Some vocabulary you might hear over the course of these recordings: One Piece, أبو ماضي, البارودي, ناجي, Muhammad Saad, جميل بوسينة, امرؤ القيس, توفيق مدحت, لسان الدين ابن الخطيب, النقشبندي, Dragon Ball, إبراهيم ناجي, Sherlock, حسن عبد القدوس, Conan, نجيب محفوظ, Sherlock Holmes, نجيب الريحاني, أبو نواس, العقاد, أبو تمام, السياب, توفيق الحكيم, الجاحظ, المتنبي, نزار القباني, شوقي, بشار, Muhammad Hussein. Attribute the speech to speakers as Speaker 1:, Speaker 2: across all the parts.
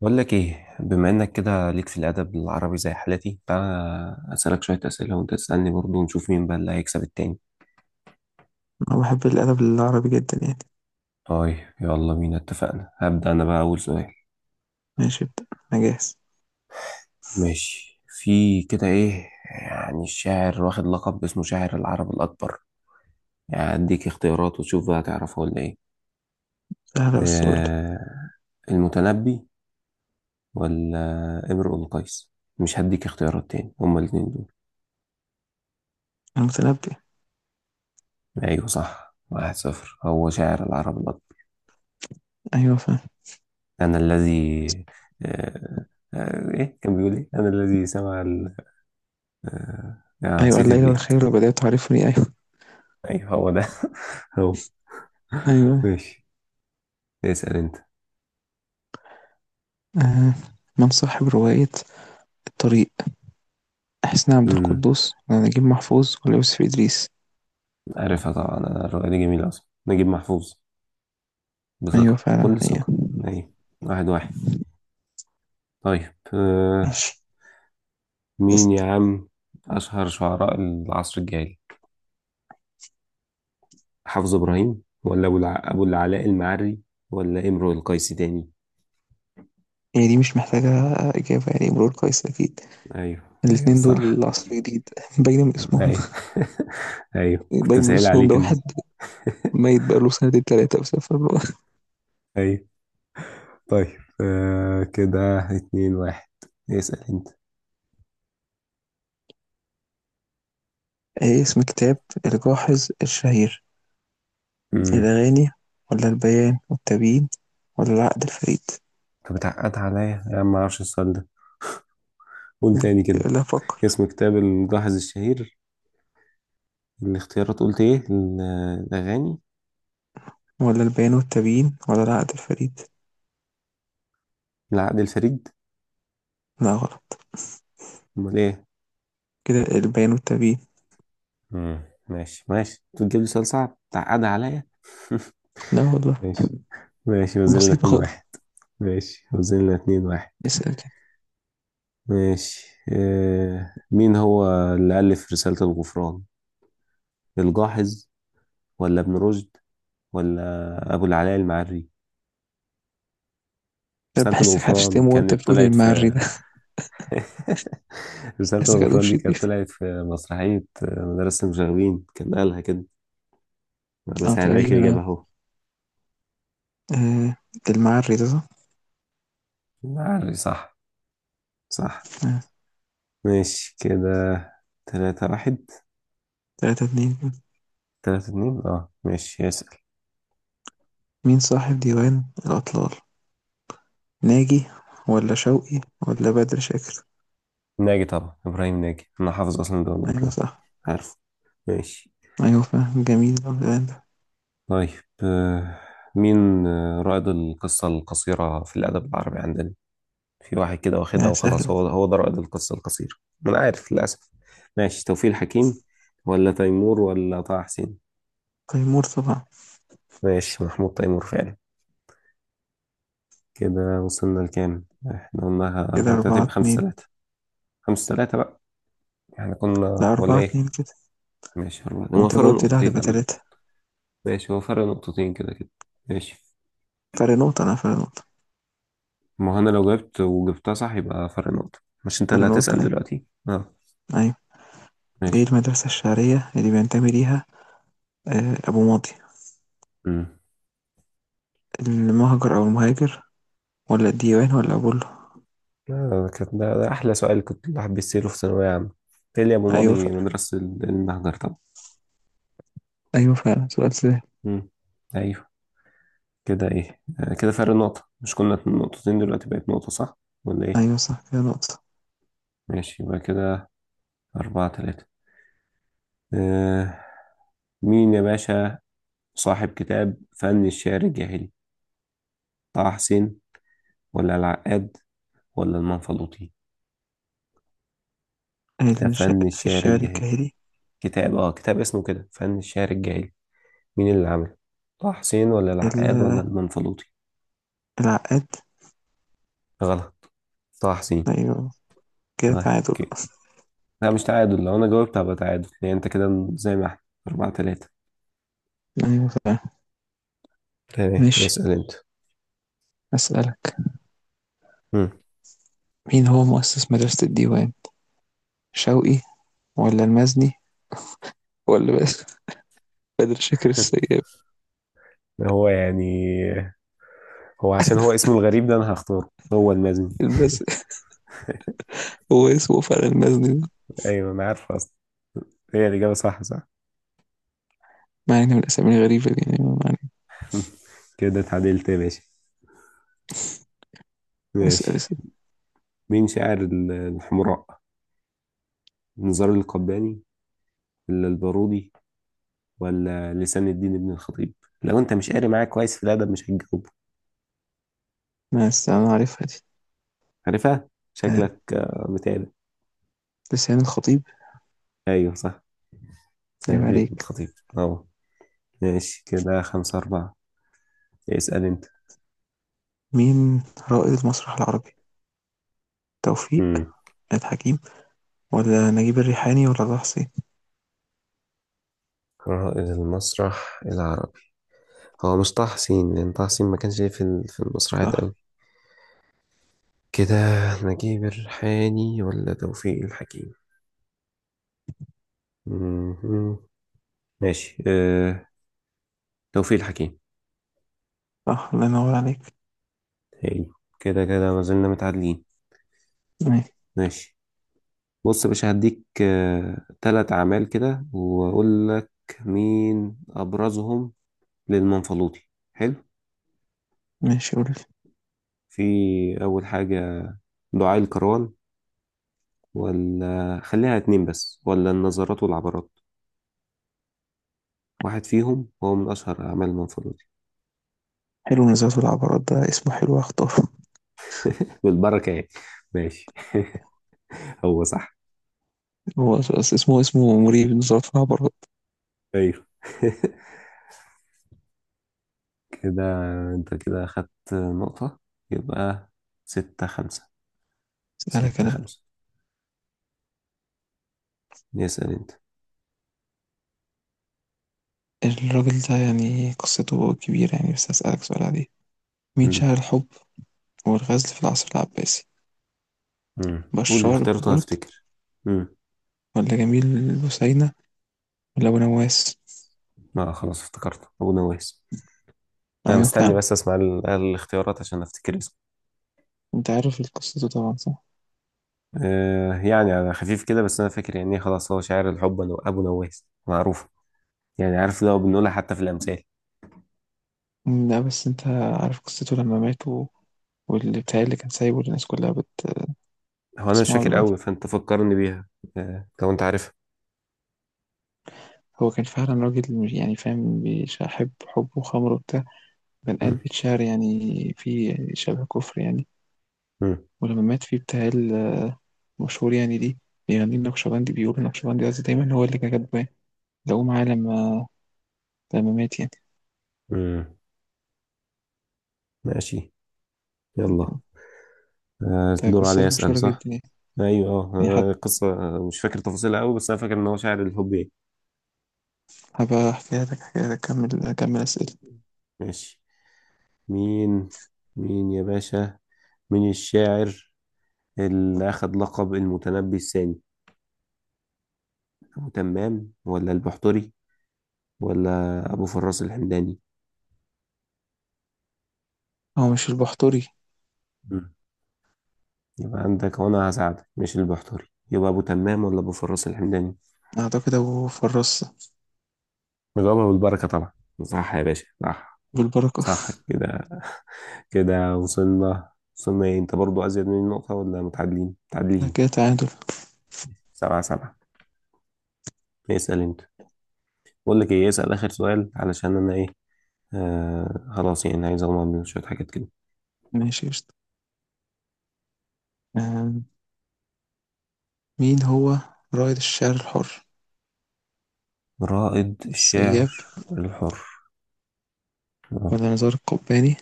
Speaker 1: بقول لك ايه، بما انك كده ليك في الادب العربي زي حالتي، تعالى اسالك شويه اسئله وانت تسالني برضه ونشوف مين بقى اللي هيكسب التاني.
Speaker 2: أنا بحب الأدب العربي جدا يعني.
Speaker 1: طيب يلا بينا، اتفقنا. هبدا انا بقى اول سؤال.
Speaker 2: ماشي ابدأ. أنا جاهز.
Speaker 1: ماشي. في كده ايه يعني الشاعر واخد لقب اسمه شاعر العرب الاكبر؟ يعني اديك اختيارات وتشوف بقى تعرفه ولا ايه.
Speaker 2: سهلة بس قول لي.
Speaker 1: آه، المتنبي ولا امرؤ القيس؟ مش هديك اختيارات تاني، هما الاتنين دول.
Speaker 2: المتنبي.
Speaker 1: ايوه صح، 1-0. هو شاعر العرب الاكبر.
Speaker 2: أيوة فاهم.
Speaker 1: أنا الذي. آه، إيه كان بيقول؟ إيه أنا الذي سمع ال
Speaker 2: أيوة
Speaker 1: نسيت
Speaker 2: الليل
Speaker 1: البيت.
Speaker 2: والخير بدأت تعرفني، أيوة
Speaker 1: أيوه هو ده. هو
Speaker 2: أيوة
Speaker 1: ماشي. اسأل أنت.
Speaker 2: آه. من صاحب رواية الطريق، حسن عبد
Speaker 1: امم
Speaker 2: القدوس ولا نجيب محفوظ ولا يوسف إدريس؟
Speaker 1: عارفها طبعا، أنا الرؤية دي جميلة أصلا. نجيب محفوظ،
Speaker 2: أيوة
Speaker 1: بثقة
Speaker 2: فعلا
Speaker 1: كل
Speaker 2: هي.
Speaker 1: ثقة. أيوه، 1-1. طيب،
Speaker 2: ماشي
Speaker 1: مين يا
Speaker 2: اسأل.
Speaker 1: عم أشهر شعراء العصر الجاهلي؟ حافظ إبراهيم ولا أبو العلاء المعري، ولا إمرؤ القيس تاني؟
Speaker 2: هي دي مش محتاجة إجابة يعني، مرور كويس أكيد.
Speaker 1: أيوه. أيوه
Speaker 2: الاتنين
Speaker 1: الصراحة،
Speaker 2: دول عصر جديد باين من اسمهم.
Speaker 1: ايوه. ايوه كنت
Speaker 2: باين من
Speaker 1: مسهل
Speaker 2: اسمهم، ده
Speaker 1: عليك انت.
Speaker 2: واحد ميت بقاله سنتين تلاتة بسبب.
Speaker 1: ايوه. طيب، آه كده 2-1. اسأل انت.
Speaker 2: إيه اسم كتاب الجاحظ الشهير؟
Speaker 1: امم
Speaker 2: الأغاني ولا البيان والتبيين ولا العقد الفريد؟
Speaker 1: انت بتعقد عليا يا عم، ما اعرفش السؤال ده. قول تاني كده.
Speaker 2: لا فكر.
Speaker 1: اسم كتاب الملاحظ الشهير، الاختيارات قلت ايه؟ الاغاني،
Speaker 2: ولا البيان والتبيين ولا العقد الفريد.
Speaker 1: العقد الفريد؟
Speaker 2: لا غلط.
Speaker 1: امال ايه؟
Speaker 2: كده البيان والتبيين.
Speaker 1: امم ماشي ماشي، انت بتجيب لي سؤال صعب تعقد عليا.
Speaker 2: لا والله.
Speaker 1: ماشي. ماشي وزلنا
Speaker 2: بسيطة
Speaker 1: اتنين
Speaker 2: خالص.
Speaker 1: واحد ماشي وزلنا اتنين واحد.
Speaker 2: اسأل كده.
Speaker 1: ماشي، مين هو اللي ألف رسالة الغفران؟ الجاحظ ولا ابن رشد ولا أبو العلاء المعري؟
Speaker 2: أنا
Speaker 1: رسالة
Speaker 2: بحسك
Speaker 1: الغفران
Speaker 2: هتشتمه وانت
Speaker 1: كانت
Speaker 2: بتقول
Speaker 1: طلعت في
Speaker 2: المعري ده
Speaker 1: رسالة
Speaker 2: بحسك هتقول
Speaker 1: الغفران دي كانت
Speaker 2: شريف.
Speaker 1: طلعت في مسرحية، مدرسة المشاغبين كان قالها كده. أنا
Speaker 2: اه
Speaker 1: بسهل عليك
Speaker 2: تقريبا
Speaker 1: الإجابة
Speaker 2: اه.
Speaker 1: أهو.
Speaker 2: آه، المعري ده صح؟
Speaker 1: المعري صح. صح.
Speaker 2: آه.
Speaker 1: ماشي، كده 3-1.
Speaker 2: تلاتة اتنين كده.
Speaker 1: 3-2، اه ماشي يسأل.
Speaker 2: مين صاحب ديوان الأطلال؟ ناجي ولا شوقي ولا بدر شاكر؟
Speaker 1: ناجي طبعا، إبراهيم ناجي. أنا حافظ أصلا ده ولا
Speaker 2: أيوة
Speaker 1: أطلع،
Speaker 2: صح.
Speaker 1: عارفه. ماشي.
Speaker 2: أيوة فاهم، جميل الديوان ده.
Speaker 1: طيب، آه، مين رائد القصة القصيرة في الأدب العربي عندنا؟ في واحد كده واخدها
Speaker 2: يعني سهلة
Speaker 1: وخلاص،
Speaker 2: دي.
Speaker 1: هو ده رائد القصة القصيرة، ما أنا عارف للأسف. ماشي، توفيق الحكيم ولا تيمور ولا طه حسين؟
Speaker 2: تيمور طبعا.
Speaker 1: ماشي، محمود تيمور فعلا. كده وصلنا لكام؟ احنا قلناها
Speaker 2: كده
Speaker 1: 4-3،
Speaker 2: أربعة
Speaker 1: يبقى خمسة
Speaker 2: اتنين.
Speaker 1: تلاتة خمسة تلاتة بقى. احنا كنا
Speaker 2: لا
Speaker 1: ولا
Speaker 2: أربعة
Speaker 1: إيه؟
Speaker 2: اتنين كده.
Speaker 1: ماشي أربعة، هو
Speaker 2: وأنت
Speaker 1: فرق
Speaker 2: جاوبت ده
Speaker 1: نقطتين
Speaker 2: هتبقى
Speaker 1: عامة.
Speaker 2: تلاتة.
Speaker 1: ماشي هو فرق نقطتين كده كده. ماشي.
Speaker 2: فرق نقطة، أنا فرق نقطة.
Speaker 1: ما هو أنا لو جبت وجبتها صح يبقى فرق نقطة. مش أنت
Speaker 2: فرق
Speaker 1: اللي
Speaker 2: نقطة
Speaker 1: هتسأل
Speaker 2: أيوة
Speaker 1: دلوقتي؟ اه
Speaker 2: أيوة. إيه
Speaker 1: ماشي.
Speaker 2: المدرسة الشعرية اللي بينتمي ليها آه أبو ماضي؟
Speaker 1: امم
Speaker 2: المهجر أو المهاجر، ولا الديوان ولا أبولو؟
Speaker 1: كانت ده احلى سؤال كنت الواحد بيسأله في ثانوية عامة. تالي ابو
Speaker 2: أيوة ف...
Speaker 1: ماضي، مدرسة المهجر طبعا.
Speaker 2: أيوة فعلا، سؤال سهل.
Speaker 1: امم ايوه. كده ايه، كده فرق نقطة، مش كنا نقطتين دلوقتي بقت نقطة صح ولا ايه؟
Speaker 2: أيوة صح كده نقطة.
Speaker 1: ماشي، يبقى كده أربعة تلاتة. آه، مين يا باشا صاحب كتاب فن الشعر الجاهلي؟ طه حسين ولا العقاد ولا المنفلوطي؟ كتاب
Speaker 2: الش...
Speaker 1: فن
Speaker 2: في
Speaker 1: الشعر
Speaker 2: الشعر
Speaker 1: الجاهلي.
Speaker 2: الجاهلي.
Speaker 1: كتاب، كتاب اسمه كده فن الشعر الجاهلي، مين اللي عمله؟ طه حسين ولا
Speaker 2: ال...
Speaker 1: العقاد ولا المنفلوطي؟
Speaker 2: العقاد.
Speaker 1: غلط، طه حسين.
Speaker 2: أيوة كده
Speaker 1: طيب
Speaker 2: تعادل.
Speaker 1: اوكي. لا مش تعادل، لو انا جاوبت هبقى تعادل، يعني انت كده زي ما احنا، 4-3.
Speaker 2: أيوة فعلا.
Speaker 1: تمام،
Speaker 2: ماشي.
Speaker 1: اسأل انت.
Speaker 2: أسألك.
Speaker 1: مم.
Speaker 2: مين هو مؤسس مدرسة الديوان؟ شوقي ولا المزني ولا بس بدر شاكر السيد.
Speaker 1: هو يعني، هو عشان هو اسمه الغريب ده انا هختاره، هو المازن.
Speaker 2: البس. هو اسمه فعلا المزني ده.
Speaker 1: ايوه انا عارف اصلا، هي الاجابه صح. صح.
Speaker 2: مع ان من الاسامي الغريبه دي يعني، ما علينا.
Speaker 1: كده اتعدلت يا باشا.
Speaker 2: اسال
Speaker 1: ماشي،
Speaker 2: اسال.
Speaker 1: مين شاعر الحمراء؟ نزار القباني ولا البارودي ولا لسان الدين ابن الخطيب؟ لو انت مش قاري معاك كويس في الادب مش هتجاوب.
Speaker 2: ما أس- انا عارفها دي.
Speaker 1: عارفها؟
Speaker 2: آه.
Speaker 1: شكلك بتاع ده.
Speaker 2: لسان الخطيب.
Speaker 1: ايوه صح،
Speaker 2: عيب
Speaker 1: سعيد
Speaker 2: عليك.
Speaker 1: الخطيب. اه ماشي، كده 5-4. اسأل انت.
Speaker 2: مين رائد المسرح العربي؟ توفيق
Speaker 1: مم.
Speaker 2: مدحت حكيم، ولا نجيب الريحاني ولا طه حسين؟
Speaker 1: رائد المسرح العربي. هو مش طه حسين، لأن طه حسين ما كانش ليه في في المسرحيات
Speaker 2: صح
Speaker 1: أوي. كده نجيب الريحاني ولا توفيق الحكيم؟ مم. ماشي، توفيق الحكيم.
Speaker 2: صح، الله ينور عليك.
Speaker 1: حلو، كده كده ما زلنا متعادلين.
Speaker 2: ماشي
Speaker 1: ماشي. بص يا باشا، هديك تلات أعمال كده وأقول لك مين أبرزهم للمنفلوطي. حلو.
Speaker 2: ماشي قول.
Speaker 1: في أول حاجة، دعاء الكران، ولا خليها اتنين بس، ولا النظرات والعبرات؟ واحد فيهم هو من أشهر أعمال المنفلوطي.
Speaker 2: حلو، نزلات العبارات ده اسمه حلو، اختاره.
Speaker 1: بالبركة يعني. ماشي، هو صح.
Speaker 2: اسمه اسمه مريب نزلات العبارات.
Speaker 1: أيوه. كده أنت كده أخدت نقطة، يبقى 6-5.
Speaker 2: اسألك
Speaker 1: ستة
Speaker 2: أنا.
Speaker 1: خمسة، اسأل أنت.
Speaker 2: الراجل ده يعني قصته كبيرة يعني، بس هسألك سؤال عليه. مين
Speaker 1: مم.
Speaker 2: شاعر الحب والغزل في العصر العباسي؟
Speaker 1: قول
Speaker 2: بشار
Speaker 1: الاختيارات وأنا
Speaker 2: برضه
Speaker 1: أفتكر. مم.
Speaker 2: ولا جميل بوسينة ولا أبو نواس؟
Speaker 1: لا خلاص افتكرت، أبو نواس. أنا
Speaker 2: أيوة
Speaker 1: مستني
Speaker 2: فعلا.
Speaker 1: بس أسمع الاختيارات عشان أفتكر.
Speaker 2: أنت عارف قصته طبعا صح؟
Speaker 1: آه يعني على خفيف كده، بس انا فاكر يعني إيه، خلاص هو شاعر الحب. ابو نواس معروفه يعني، عارف ده بنقولها حتى في الامثال.
Speaker 2: مم، لا بس أنت عارف قصته لما مات واللي بتاع اللي كان سايبه الناس كلها بت...
Speaker 1: هو انا مش
Speaker 2: بتسمعه
Speaker 1: فاكر قوي،
Speaker 2: دلوقتي.
Speaker 1: فانت فكرني بيها. آه لو انت عارفها.
Speaker 2: هو كان فعلا راجل يعني فاهم، بيحب حب وخمر وبتاع، بنقاد
Speaker 1: مم.
Speaker 2: بيتشعر يعني، في شبه كفر يعني.
Speaker 1: مم.
Speaker 2: ولما مات في بتاع المشهور يعني دي، بيغني النقشبندي، بيقول النقشبندي قصدي، دايما هو اللي كان كاتباه، لقوه معاه لما مات يعني.
Speaker 1: مم. ماشي، يلا، آه
Speaker 2: ده
Speaker 1: الدور عليا
Speaker 2: قصته
Speaker 1: اسال
Speaker 2: مشهورة جدا
Speaker 1: صح.
Speaker 2: يعني
Speaker 1: ايوه اه.
Speaker 2: يعني.
Speaker 1: القصه، مش فاكر تفاصيلها قوي، بس انا فاكر ان هو شاعر الحب يعني.
Speaker 2: هبقى احكي لك حكاية، اكمل اكمل اسئله.
Speaker 1: ماشي، مين، مين يا باشا، مين الشاعر اللي أخد لقب المتنبي الثاني؟ أبو تمام ولا البحتري ولا أبو فراس الحمداني؟
Speaker 2: هو مش البحتري.
Speaker 1: مم. يبقى عندك وأنا هساعدك، مش البحتري، يبقى أبو تمام ولا أبو فراس الحمداني؟
Speaker 2: اعتقد ابو فرصة.
Speaker 1: الغابة والبركة طبعا. صح يا باشا صح.
Speaker 2: بالبركه.
Speaker 1: صح كده. كده وصلنا، وصلنا إيه، أنت برضو أزيد مني نقطة ولا متعادلين؟
Speaker 2: ده
Speaker 1: متعادلين.
Speaker 2: كده تعادل.
Speaker 1: 7-7. اسأل أنت. بقول لك إيه، اسأل آخر سؤال علشان أنا إيه، آه خلاص يعني عايز أغمض من شوية حاجات كده.
Speaker 2: ماشي قشطة. آم، مين هو رائد الشعر الحر؟
Speaker 1: رائد الشعر
Speaker 2: السياب
Speaker 1: الحر.
Speaker 2: ولا نزار القباني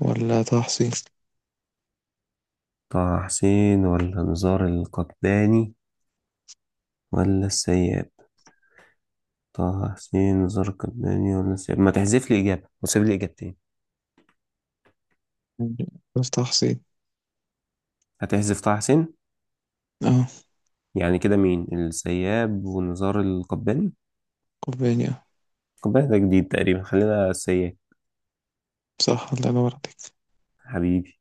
Speaker 2: ولا طه حسين؟
Speaker 1: طه حسين ولا نزار القباني ولا السيد. طه حسين زرقداني ولا سياب، ما تحذف لي إجابة وسيب لي إجابتين.
Speaker 2: عارف طه حسين
Speaker 1: هتحذف طه حسين؟
Speaker 2: اه.
Speaker 1: يعني كده مين السياب ونزار القباني؟
Speaker 2: قباني اه.
Speaker 1: القباني ده جديد تقريبا، خلينا السياب.
Speaker 2: صح الله ينور عليك.
Speaker 1: حبيبي.